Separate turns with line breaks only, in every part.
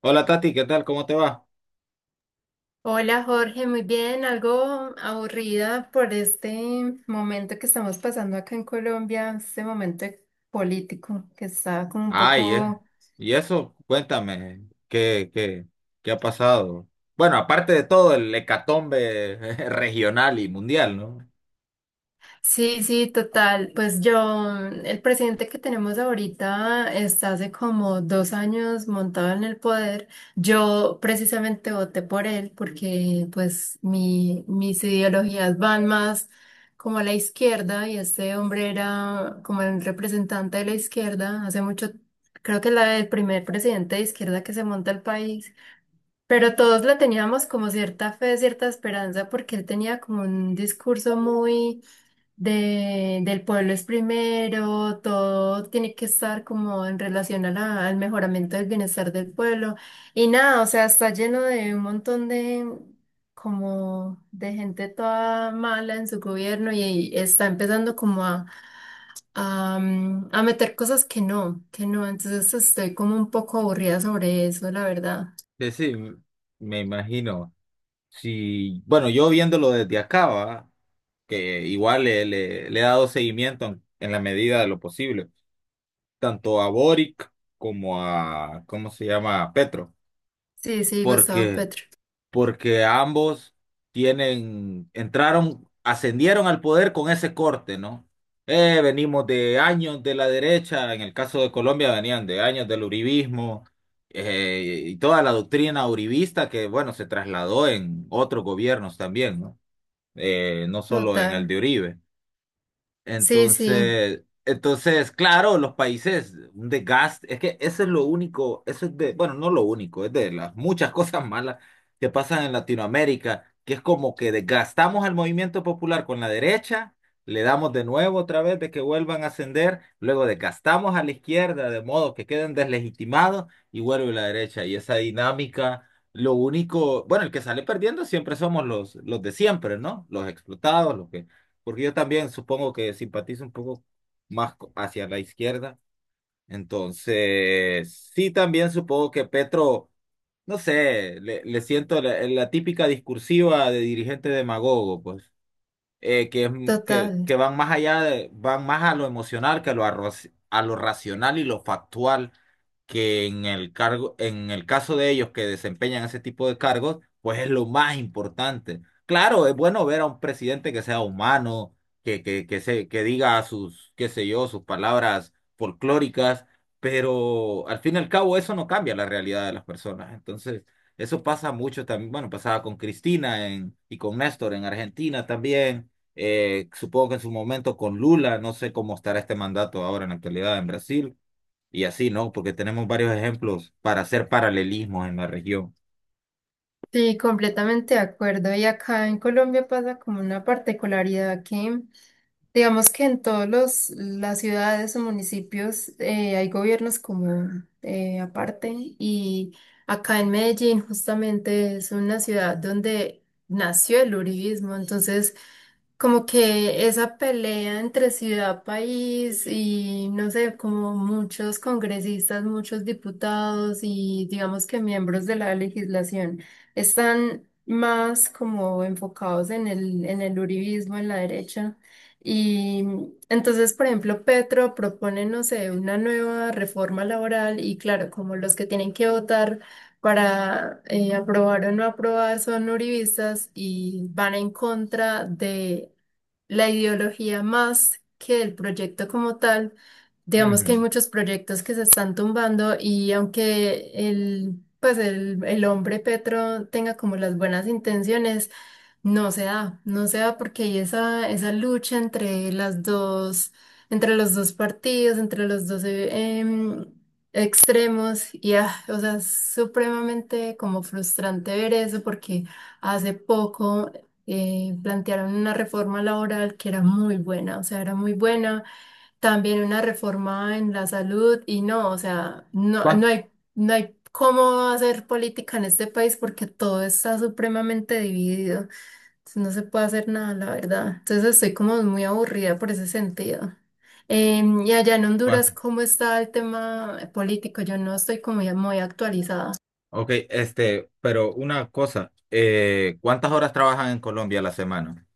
Hola Tati, ¿qué tal? ¿Cómo te va?
Hola Jorge, muy bien, algo aburrida por este momento que estamos pasando acá en Colombia, este momento político que está como un
Ay.
poco.
Y eso, cuéntame, ¿qué ha pasado? Bueno, aparte de todo, el hecatombe regional y mundial, ¿no?
Sí, sí, total. Pues yo, el presidente que tenemos ahorita está hace como 2 años montado en el poder. Yo precisamente voté por él porque pues mis ideologías van más como a la izquierda y este hombre era como el representante de la izquierda hace mucho, creo que es el primer presidente de izquierda que se monta el país. Pero todos le teníamos como cierta fe, cierta esperanza porque él tenía como un discurso muy del pueblo es primero, todo tiene que estar como en relación a al mejoramiento del bienestar del pueblo. Y nada, o sea, está lleno de un montón de como de gente toda mala en su gobierno y está empezando como a meter cosas que no, que no. Entonces estoy como un poco aburrida sobre eso, la verdad.
Sí, sí, me imagino. Sí, bueno, yo viéndolo desde acá, ¿va? Que igual le he dado seguimiento en la medida de lo posible, tanto a Boric como a, ¿cómo se llama? A Petro,
Sí, sí, Gustavo
porque...
Petro.
porque ambos tienen, entraron, ascendieron al poder con ese corte, ¿no? Venimos de años de la derecha, en el caso de Colombia venían de años del uribismo y toda la doctrina uribista que, bueno, se trasladó en otros gobiernos también, ¿no? No solo en el
Total.
de Uribe.
Sí, sí,
Entonces, claro, los países, un desgaste, es que eso es lo único, eso es de, bueno, no lo único, es de las muchas cosas malas que pasan en Latinoamérica, que es como que desgastamos al movimiento popular con la derecha, le damos de nuevo otra vez de que vuelvan a ascender, luego desgastamos a la izquierda de modo que queden deslegitimados y vuelve la derecha. Y esa dinámica, lo único, bueno, el que sale perdiendo siempre somos los de siempre, ¿no? Los explotados, los que porque yo también supongo que simpatizo un poco más hacia la izquierda. Entonces, sí, también supongo que Petro, no sé, le siento la típica discursiva de dirigente demagogo, pues que, es m-
total.
que van más allá de, van más a lo emocional que a lo racional y lo factual, que en el cargo, en el caso de ellos que desempeñan ese tipo de cargos, pues es lo más importante. Claro, es bueno ver a un presidente que sea humano, que se, que diga sus, qué sé yo, sus palabras folclóricas, pero al fin y al cabo eso no cambia la realidad de las personas. Entonces, eso pasa mucho también, bueno, pasaba con Cristina y con Néstor en Argentina también supongo que en su momento con Lula, no sé cómo estará este mandato ahora en la actualidad en Brasil, y así, ¿no? Porque tenemos varios ejemplos para hacer paralelismos en la región.
Sí, completamente de acuerdo. Y acá en Colombia pasa como una particularidad que. Digamos que en todos los las ciudades o municipios hay gobiernos como aparte y acá en Medellín justamente es una ciudad donde nació el uribismo, entonces como que esa pelea entre ciudad, país y no sé, como muchos congresistas, muchos diputados y digamos que miembros de la legislación están más como enfocados en el uribismo, en la derecha. Y entonces, por ejemplo, Petro propone, no sé, una nueva reforma laboral y claro, como los que tienen que votar para aprobar o no aprobar son uribistas y van en contra de la ideología más que del proyecto como tal. Digamos que hay
Ujú.
muchos proyectos que se están tumbando y aunque el hombre Petro tenga como las buenas intenciones, no se da, no se da porque hay esa lucha entre las dos, entre los dos partidos, entre los dos extremos, o sea, es supremamente como frustrante ver eso porque hace poco plantearon una reforma laboral que era muy buena, o sea, era muy buena, también una reforma en la salud, y no, o sea,
¿Cuán-
no hay cómo hacer política en este país porque todo está supremamente dividido. No se puede hacer nada, la verdad. Entonces estoy como muy aburrida por ese sentido. Y allá en Honduras,
cuánto?
¿cómo está el tema político? Yo no estoy como ya muy actualizada.
Ok, este, pero una cosa, ¿cuántas horas trabajan en Colombia a la semana?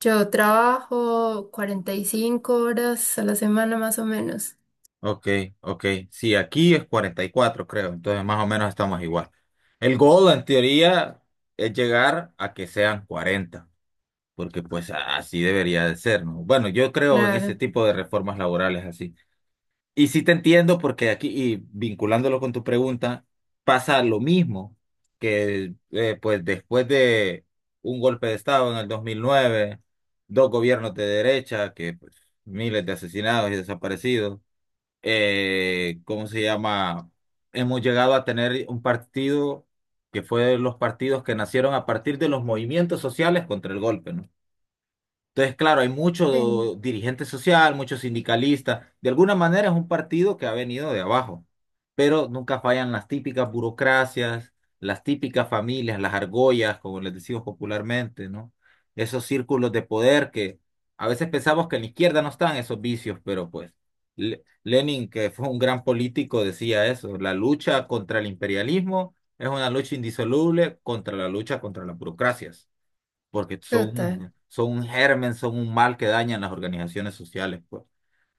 Yo trabajo 45 horas a la semana más o menos.
Ok, ok, sí, aquí es 44 creo, entonces más o menos estamos igual. El goal, en teoría, es llegar a que sean 40 porque pues así debería de ser, ¿no? Bueno, yo creo en ese
Claro.
tipo de reformas laborales así. Y sí te entiendo porque aquí, y vinculándolo con tu pregunta, pasa lo mismo que pues después de un golpe de Estado en el 2009, dos gobiernos de derecha, que pues, miles de asesinados y desaparecidos, ¿cómo se llama? Hemos llegado a tener un partido que fue de los partidos que nacieron a partir de los movimientos sociales contra el golpe, ¿no? Entonces, claro, hay
Sí.
mucho dirigente social, muchos sindicalistas. De alguna manera es un partido que ha venido de abajo, pero nunca fallan las típicas burocracias, las típicas familias, las argollas, como les decimos popularmente, ¿no? Esos círculos de poder que a veces pensamos que en la izquierda no están esos vicios, pero pues Lenin, que fue un gran político, decía eso, la lucha contra el imperialismo es una lucha indisoluble contra la lucha contra las burocracias porque
Total,
son un germen, son un mal que dañan las organizaciones sociales, pues,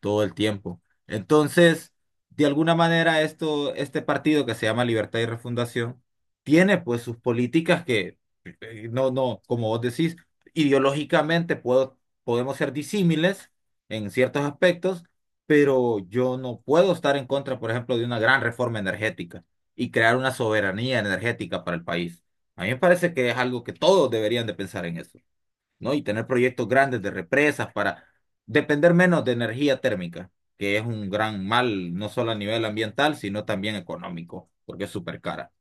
todo el tiempo. Entonces, de alguna manera, esto, este partido que se llama Libertad y Refundación tiene pues sus políticas que, no, no, como vos decís, ideológicamente podemos ser disímiles en ciertos aspectos, pero yo no puedo estar en contra, por ejemplo, de una gran reforma energética y crear una soberanía energética para el país. A mí me parece que es algo que todos deberían de pensar en eso, ¿no? Y tener proyectos grandes de represas para depender menos de energía térmica, que es un gran mal, no solo a nivel ambiental, sino también económico, porque es súper cara.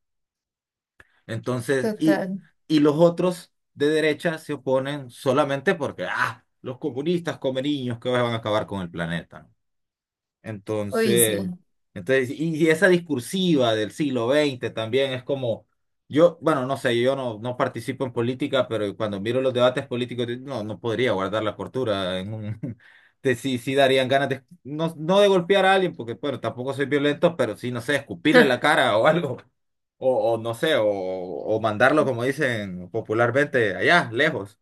Entonces, y,
total.
y los otros de derecha se oponen solamente porque, ah, los comunistas come niños que van a acabar con el planeta.
Uy, sí.
Entonces, entonces, y esa discursiva del siglo XX también es como, yo, bueno, no sé, yo no participo en política, pero cuando miro los debates políticos, no, no podría guardar la cordura en un, sí, sí darían ganas de, no, no de golpear a alguien, porque, bueno, tampoco soy violento, pero sí, no sé, escupirle en la cara o algo, o no sé, o mandarlo, como dicen popularmente, allá, lejos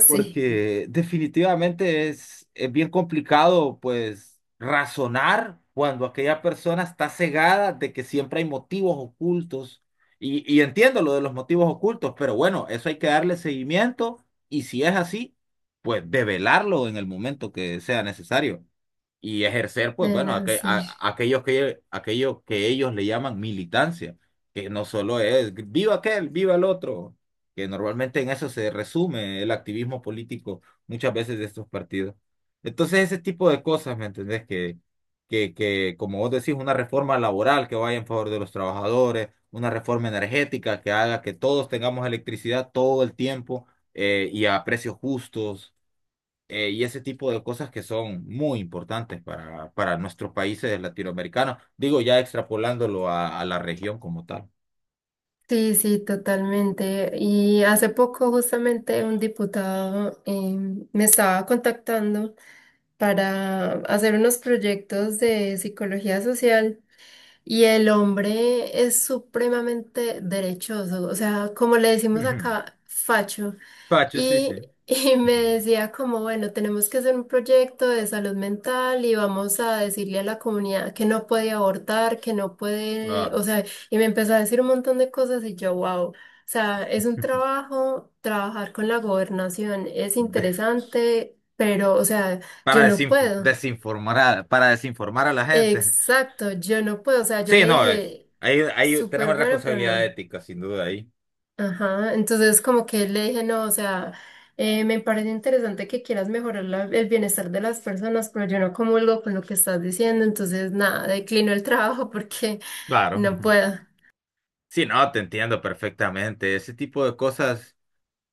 Sí.
porque definitivamente es bien complicado, pues, razonar cuando aquella persona está cegada de que siempre hay motivos ocultos. Y entiendo lo de los motivos ocultos, pero bueno, eso hay que darle seguimiento y si es así, pues develarlo en el momento que sea necesario y ejercer, pues bueno,
Bueno,
aque-
sí.
a- aquellos que, aquellos que ellos le llaman militancia, que no solo es viva aquel, viva el otro, que normalmente en eso se resume el activismo político muchas veces de estos partidos. Entonces, ese tipo de cosas, ¿me entendés? Que, como vos decís, una reforma laboral que vaya en favor de los trabajadores, una reforma energética que haga que todos tengamos electricidad todo el tiempo y a precios justos y ese tipo de cosas que son muy importantes para nuestros países latinoamericanos, digo ya extrapolándolo a la región como tal.
Sí, sí, totalmente. Y hace poco justamente un diputado me estaba contactando para hacer unos proyectos de psicología social. Y el hombre es supremamente derechoso, o sea, como le decimos
Ujú.
acá, facho.
Pacho, sí, sí.
Y, y me
Ujú.
decía como, bueno, tenemos que hacer un proyecto de salud mental y vamos a decirle a la comunidad que no puede abortar, que no puede,
Ah,
o sea, y me empezó a decir un montón de cosas y yo, wow, o sea, es un trabajo, trabajar con la gobernación es
de-
interesante, pero, o sea, yo no puedo.
para desinformar a la gente.
Exacto, yo no puedo, o sea, yo
Sí,
le
no,
dije,
ahí
súper
tenemos
bueno, pero
responsabilidad
no.
ética, sin duda, ahí.
Ajá, entonces como que le dije, no, o sea, me parece interesante que quieras mejorar el bienestar de las personas, pero yo no comulgo con lo que estás diciendo, entonces nada, declino el trabajo porque
Claro.
no
Ujú.
puedo.
Sí, no, te entiendo perfectamente. Ese tipo de cosas.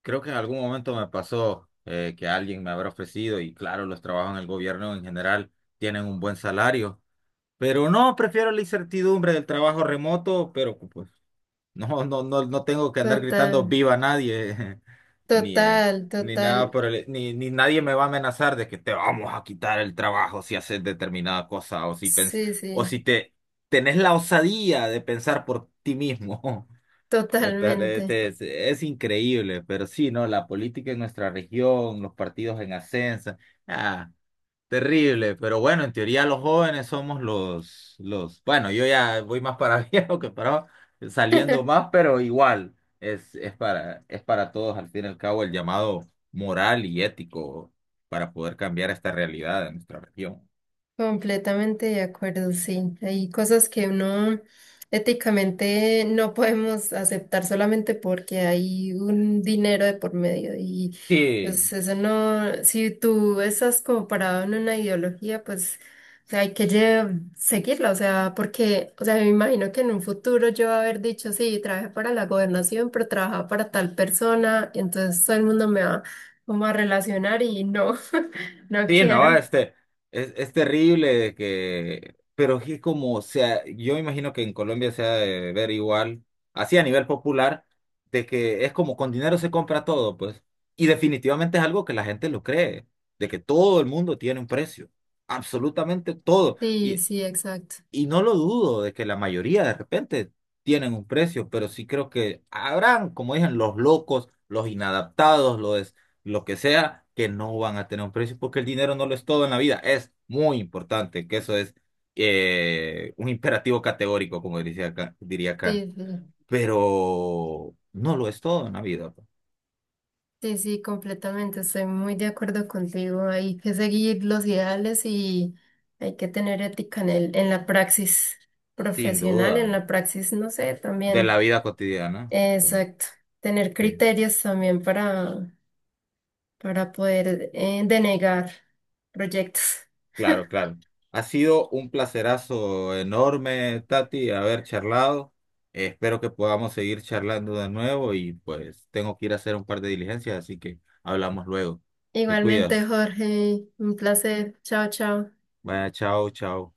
Creo que en algún momento me pasó que alguien me habrá ofrecido, y claro, los trabajos en el gobierno en general tienen un buen salario, pero no, prefiero la incertidumbre del trabajo remoto, pero pues no, no, no, no tengo que andar gritando
Total,
viva nadie, ni, eh,
total,
ni nada
total,
por el, ni nadie me va a amenazar de que te vamos a quitar el trabajo si haces determinada cosa, o si pens,
sí,
o
sí,
si te tenés la osadía de pensar por ti mismo. Entonces,
totalmente.
este, es increíble, pero sí, ¿no? La política en nuestra región, los partidos en ascenso, ah, terrible, pero bueno, en teoría los jóvenes somos los, bueno, yo ya voy más para viejo que para saliendo más, pero igual, es para todos, al fin y al cabo, el llamado moral y ético para poder cambiar esta realidad de nuestra región.
Completamente de acuerdo, sí. Hay cosas que uno éticamente no podemos aceptar solamente porque hay un dinero de por medio y
Sí,
pues eso no, si tú estás como parado en una ideología, pues o sea, hay que seguirla, o sea, porque, o sea, me imagino que en un futuro yo haber dicho, sí, trabajé para la gobernación, pero trabajaba para tal persona, y entonces todo el mundo me va como a relacionar y no, no
Sí, no,
quiero.
este, es terrible de que, pero es como, o sea, yo imagino que en Colombia se ha de ver igual, así a nivel popular, de que es como con dinero se compra todo, pues, y definitivamente es algo que la gente lo cree, de que todo el mundo tiene un precio, absolutamente todo,
Sí,
y,
sí, exacto.
y no lo dudo de que la mayoría de repente tienen un precio, pero sí creo que habrán, como dicen, los locos, los inadaptados, los, lo que sea, que no van a tener un precio porque el dinero no lo es todo en la vida. Es muy importante, que eso es un imperativo categórico, como diría Kant,
Sí, sí,
pero no lo es todo en la vida, pues,
sí, sí, completamente. Estoy muy de acuerdo contigo. Hay que seguir los ideales y hay que tener ética en en la praxis
sin
profesional, en
duda,
la praxis, no sé,
de
también.
la vida cotidiana. Sí,
Exacto. Tener
sí.
criterios también para poder denegar proyectos.
Claro, claro. Ha sido un placerazo enorme, Tati, haber charlado. Espero que podamos seguir charlando de nuevo y pues tengo que ir a hacer un par de diligencias, así que hablamos luego. Te
Igualmente,
cuidas.
Jorge, un placer. Chao, chao.
Vaya, chao, chao.